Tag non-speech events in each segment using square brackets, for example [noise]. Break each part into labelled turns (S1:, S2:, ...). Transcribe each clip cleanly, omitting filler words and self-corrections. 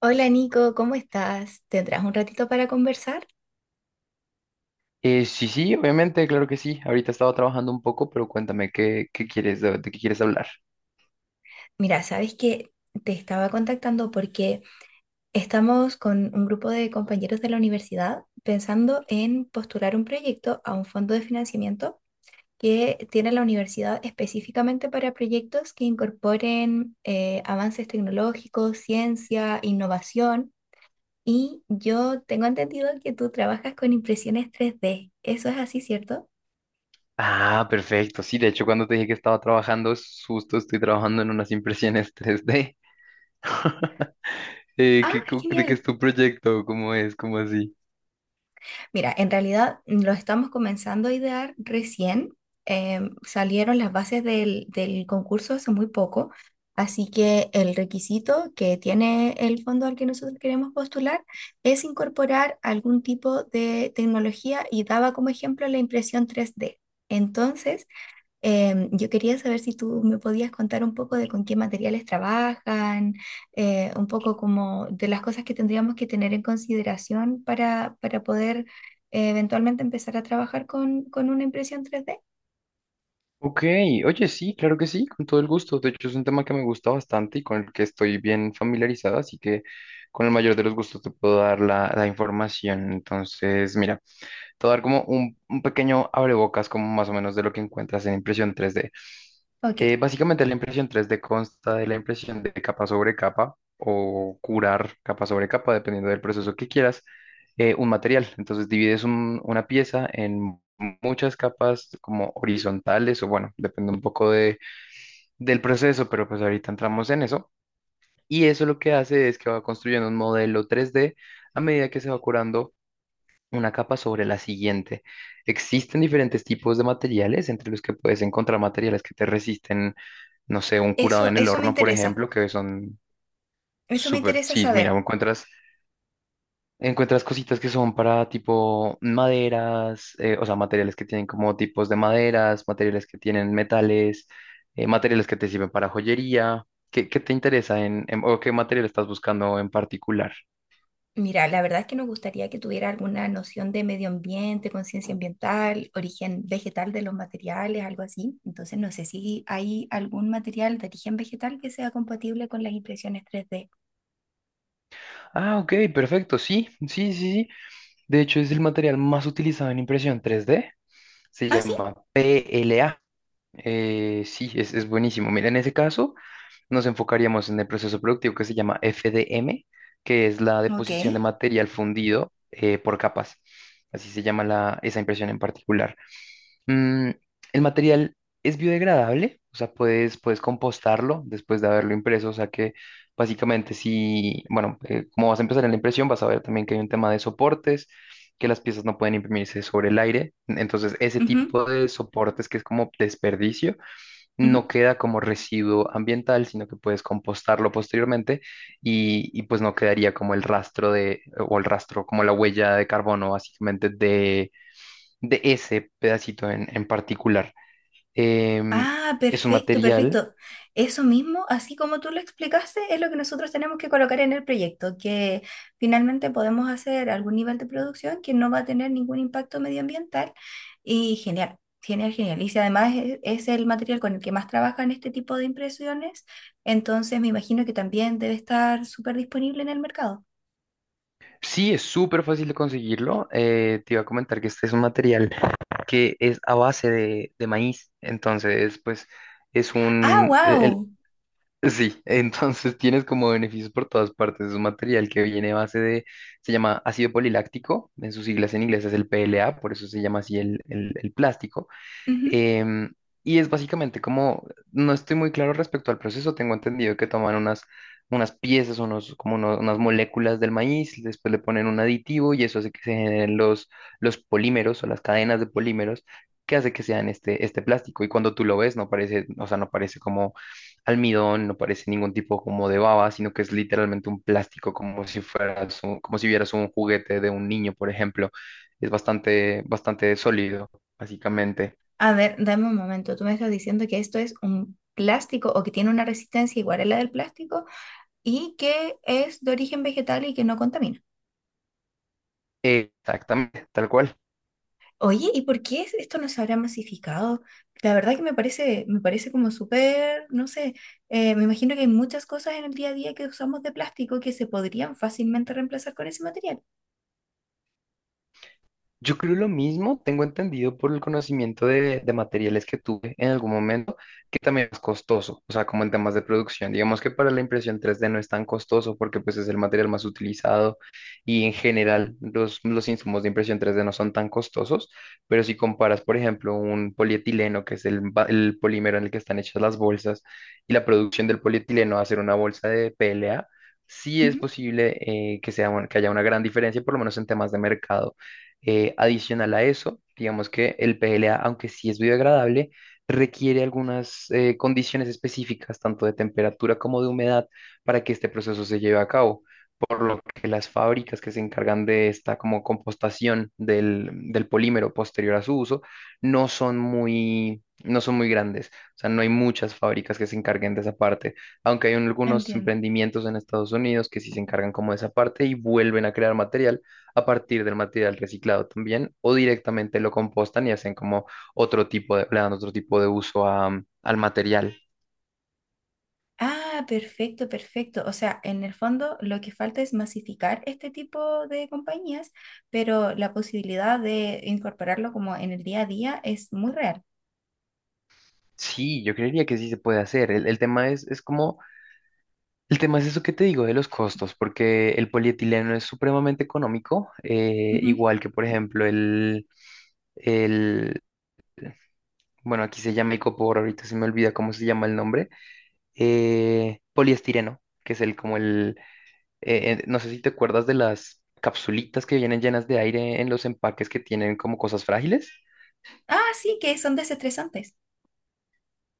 S1: Hola Nico, ¿cómo estás? ¿Tendrás un ratito para conversar?
S2: Sí, sí, obviamente, claro que sí. Ahorita estaba trabajando un poco, pero cuéntame qué quieres, de qué quieres hablar.
S1: Mira, sabes que te estaba contactando porque estamos con un grupo de compañeros de la universidad pensando en postular un proyecto a un fondo de financiamiento que tiene la universidad específicamente para proyectos que incorporen avances tecnológicos, ciencia, innovación. Y yo tengo entendido que tú trabajas con impresiones tres d. ¿Eso es así, cierto?
S2: Ah, perfecto. Sí, de hecho, cuando te dije que estaba trabajando, es justo estoy trabajando en unas impresiones 3D. [laughs] Eh,
S1: Ah,
S2: ¿qué- cu- ¿de qué
S1: genial.
S2: es tu proyecto? ¿Cómo es? ¿Cómo así?
S1: Mira, en realidad lo estamos comenzando a idear recién. Salieron las bases del concurso hace muy poco, así que el requisito que tiene el fondo al que nosotros queremos postular es incorporar algún tipo de tecnología y daba como ejemplo la impresión tres d. Entonces, yo quería saber si tú me podías contar un poco de con qué materiales trabajan, un poco como de las cosas que tendríamos que tener en consideración para poder eventualmente empezar a trabajar con una impresión 3D.
S2: Ok, oye, sí, claro que sí, con todo el gusto. De hecho, es un tema que me gusta bastante y con el que estoy bien familiarizado, así que con el mayor de los gustos te puedo dar la información. Entonces, mira. Te voy a dar como un pequeño abrebocas, como más o menos de lo que encuentras en impresión 3D.
S1: Ok,
S2: Básicamente la impresión 3D consta de la impresión de capa sobre capa o curar capa sobre capa, dependiendo del proceso que quieras, un material. Entonces divides una pieza en muchas capas como horizontales o bueno, depende un poco del proceso, pero pues ahorita entramos en eso. Y eso lo que hace es que va construyendo un modelo 3D a medida que se va curando una capa sobre la siguiente. Existen diferentes tipos de materiales, entre los que puedes encontrar materiales que te resisten, no sé, un curado
S1: eso,
S2: en el
S1: eso me
S2: horno, por
S1: interesa,
S2: ejemplo, que son
S1: eso me
S2: súper,
S1: interesa
S2: sí, mira,
S1: saber.
S2: encuentras cositas que son para tipo maderas, o sea, materiales que tienen como tipos de maderas, materiales que tienen metales, materiales que te sirven para joyería. ¿Qué te interesa o qué material estás buscando en particular?
S1: Mira, la verdad es que nos gustaría que tuviera alguna noción de medio ambiente, conciencia ambiental, origen vegetal de los materiales, algo así. Entonces, no sé si hay algún material de origen vegetal que sea compatible con las impresiones tres d.
S2: Ah, ok, perfecto, sí, sí, sí, sí. De hecho, es el material más utilizado en impresión 3D. Se
S1: Ah, sí,
S2: llama PLA. Sí, es buenísimo. Mira, en ese caso nos enfocaríamos en el proceso productivo que se llama FDM, que es la
S1: ok.
S2: deposición de material fundido por capas. Así se llama esa impresión en particular. Mm, el material es biodegradable, o sea, puedes compostarlo después de haberlo impreso, o sea que básicamente si, bueno, como vas a empezar en la impresión, vas a ver también que hay un tema de soportes, que las piezas no pueden imprimirse sobre el aire, entonces ese
S1: Ujú,
S2: tipo de soportes que es como desperdicio,
S1: ujú.
S2: no queda como residuo ambiental, sino que puedes compostarlo posteriormente y pues no quedaría como el rastro de, o el rastro, como la huella de carbono básicamente de ese pedacito en particular. Em,
S1: Ah,
S2: es un
S1: perfecto,
S2: material,
S1: perfecto. Eso mismo, así como tú lo explicaste, es lo que nosotros tenemos que colocar en el proyecto, que finalmente podemos hacer algún nivel de producción que no va a tener ningún impacto medioambiental. Y genial, genial, genial. Y si además es el material con el que más trabajan este tipo de impresiones, entonces me imagino que también debe estar súper disponible en el mercado.
S2: sí, es súper fácil de conseguirlo. Te iba a comentar que este es un material que es a base de maíz, entonces pues... Es
S1: Ah,
S2: un, el,
S1: wow.
S2: Sí, [laughs] entonces tienes como beneficios por todas partes. Es un material que viene a base de, se llama ácido poliláctico, en sus siglas en inglés es el PLA, por eso se llama así el plástico. Em, y es básicamente como, no estoy muy claro respecto al proceso, tengo entendido que toman unas piezas, unas moléculas del maíz, después le ponen un aditivo y eso hace que se generen los polímeros o las cadenas de polímeros que hace que sean este plástico. Y cuando tú lo ves, no parece, o sea, no parece como almidón, no parece ningún tipo como de baba, sino que es literalmente un plástico como si fueras como si vieras un juguete de un niño, por ejemplo. Es bastante, bastante sólido, básicamente.
S1: A ver, dame un momento. Tú me estás diciendo que esto es un plástico o que tiene una resistencia igual a la del plástico, y que es de origen vegetal y que no contamina.
S2: Exactamente, tal cual.
S1: Oye, ¿y por qué es- esto no se habrá masificado? La verdad que me parece como súper, no sé, me imagino que hay muchas cosas en el día a día que usamos de plástico que se podrían fácilmente reemplazar con ese material.
S2: Yo creo lo mismo, tengo entendido por el conocimiento de materiales que tuve en algún momento, que también es costoso, o sea, como en temas de producción. Digamos que para la impresión 3D no es tan costoso porque pues es el material más utilizado y en general los insumos de impresión 3D no son tan costosos, pero si comparas, por ejemplo, un polietileno, que es el polímero en el que están hechas las bolsas, y la producción del polietileno a hacer una bolsa de PLA, sí es
S1: Ujú,
S2: posible que sea, que haya una gran diferencia, por lo menos en temas de mercado. Adicional a eso, digamos que el PLA, aunque sí es biodegradable, requiere algunas condiciones específicas, tanto de temperatura como de humedad, para que este proceso se lleve a cabo por lo que las fábricas que se encargan de esta como compostación del polímero posterior a su uso no son muy grandes. O sea, no hay muchas fábricas que se encarguen de esa parte, aunque hay algunos
S1: entiendo.
S2: emprendimientos en Estados Unidos que sí se encargan como de esa parte y vuelven a crear material a partir del material reciclado también, o directamente lo compostan y hacen como otro tipo de, le dan otro tipo de uso al material.
S1: Ah, perfecto, perfecto. O sea, en el fondo lo que falta es masificar este tipo de compañías, pero la posibilidad de incorporarlo como en el día a día es muy real.
S2: Sí, yo creería que sí se puede hacer. El tema es eso que te digo de los costos, porque el polietileno es supremamente económico,
S1: Ujú.
S2: igual que, por ejemplo, el, bueno, aquí se llama icopor, ahorita se me olvida cómo se llama el nombre, poliestireno, que es no sé si te acuerdas de las capsulitas que vienen llenas de aire en los empaques que tienen como cosas frágiles.
S1: Ah, sí, que son desestresantes.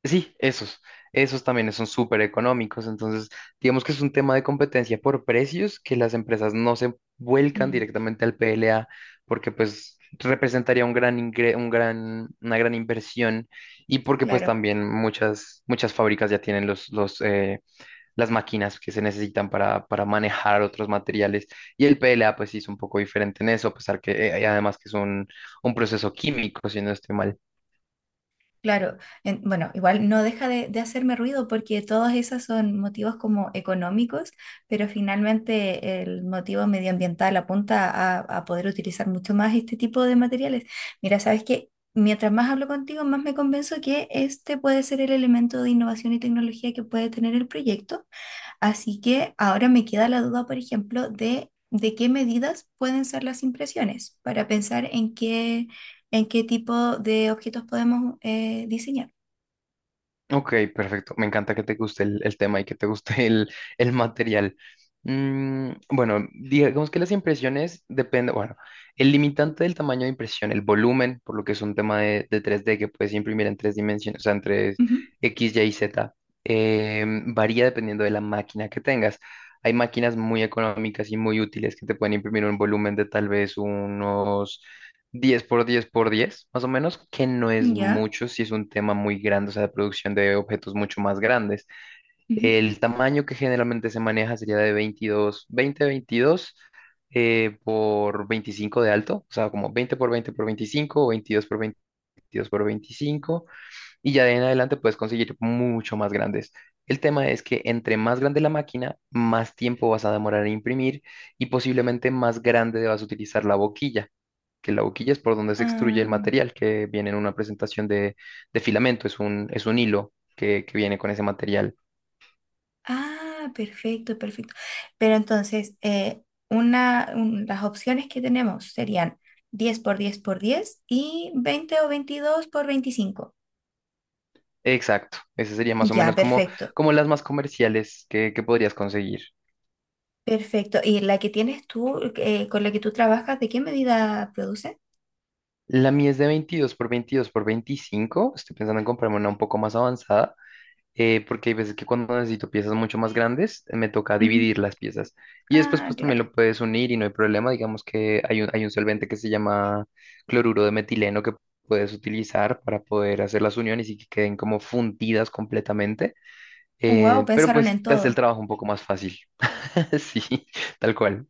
S2: Sí, esos también son súper económicos, entonces digamos que es un tema de competencia por precios que las empresas no se vuelcan
S1: Mm.
S2: directamente al PLA porque pues representaría un gran ingre- un gran, una gran inversión y porque pues
S1: Claro,
S2: también muchas fábricas ya tienen las máquinas que se necesitan para manejar otros materiales y el PLA pues sí es un poco diferente en eso, a pesar que además que es un proceso químico, si no estoy mal.
S1: claro. En- bueno, igual no deja de hacerme ruido porque todos esos son motivos como económicos, pero finalmente el motivo medioambiental apunta a poder utilizar mucho más este tipo de materiales. Mira, sabes que mientras más hablo contigo, más me convenzo que este puede ser el elemento de innovación y tecnología que puede tener el proyecto. Así que ahora me queda la duda, por ejemplo, de qué medidas pueden ser las impresiones para pensar en qué tipo de objetos podemos diseñar.
S2: Ok, perfecto. Me encanta que te guste el tema y que te guste [laughs] el material. Bueno, digamos que las impresiones dependen, bueno, el limitante del tamaño de impresión, el volumen, por lo que es un tema de 3D que puedes imprimir en tres dimensiones, o sea, en tres
S1: Ujú.
S2: X, Y y Z, varía dependiendo de la máquina que tengas. Hay máquinas muy económicas y muy útiles que te pueden imprimir un volumen de tal vez unos 10 por 10 por 10 más o menos, que no es
S1: Ya.
S2: mucho, si es un tema muy grande, o sea, de producción de objetos mucho más grandes.
S1: Ujú.
S2: El tamaño que generalmente se maneja sería de 22 20 22 por 25 de alto, o sea, como 20 por 20 por 25 o 22 por 22 por 25 y ya de en adelante puedes conseguir mucho más grandes. El tema es que entre más grande la máquina, más tiempo vas a demorar en imprimir y posiblemente más grande vas a utilizar la boquilla que la boquilla es por donde se extruye el
S1: Ah,
S2: material que viene en una presentación de filamento, es un hilo que viene con ese material.
S1: ah, perfecto, perfecto. Pero entonces, una, un- las opciones que tenemos serían 10 por 10 por 10 y 20 o 22 por 25.
S2: Exacto, ese sería más o
S1: Ya,
S2: menos como,
S1: perfecto,
S2: como las más comerciales que podrías conseguir.
S1: perfecto. ¿Y la que tienes tú, con la que tú trabajas, de qué medida produce?
S2: La mía es de 22 por 22 por 25. Estoy pensando en comprarme una un poco más avanzada porque hay veces que cuando necesito piezas mucho más grandes, me toca
S1: Ujú.
S2: dividir las piezas. Y después,
S1: Ah,
S2: pues también
S1: claro.
S2: lo puedes unir y no hay problema. Digamos que hay un solvente que se llama cloruro de metileno que puedes utilizar para poder hacer las uniones y que queden como fundidas completamente.
S1: Wow,
S2: Pero
S1: pensaron
S2: pues
S1: en
S2: te hace el
S1: todo.
S2: trabajo un poco más fácil. [laughs] Sí, tal cual.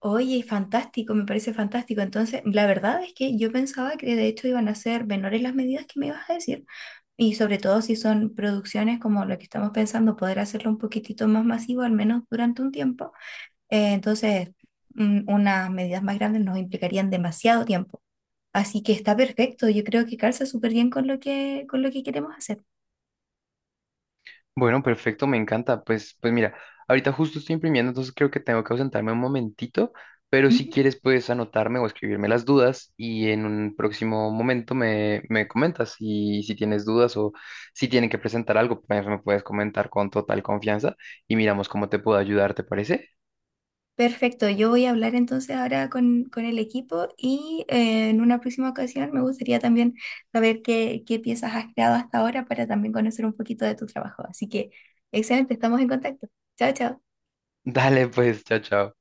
S1: Oye, fantástico, me parece fantástico. Entonces, la verdad es que yo pensaba que de hecho iban a ser menores las medidas que me ibas a decir. Y sobre todo si son producciones como lo que estamos pensando, poder hacerlo un poquitito más masivo, al menos durante un tiempo. Entonces, unas medidas más grandes nos implicarían demasiado tiempo. Así que está perfecto. Yo creo que calza súper bien con lo que queremos hacer.
S2: Bueno, perfecto, me encanta. Pues mira, ahorita justo estoy imprimiendo, entonces creo que tengo que ausentarme un momentito, pero si quieres puedes anotarme o escribirme las dudas y en un próximo momento me comentas si tienes dudas o si tienen que presentar algo, pues me puedes comentar con total confianza y miramos cómo te puedo ayudar, ¿te parece?
S1: Perfecto, yo voy a hablar entonces ahora con el equipo y en una próxima ocasión me gustaría también saber qué, qué piezas has creado hasta ahora para también conocer un poquito de tu trabajo. Así que, excelente, estamos en contacto. Chao, chao.
S2: [laughs] Dale, pues, chao, chao.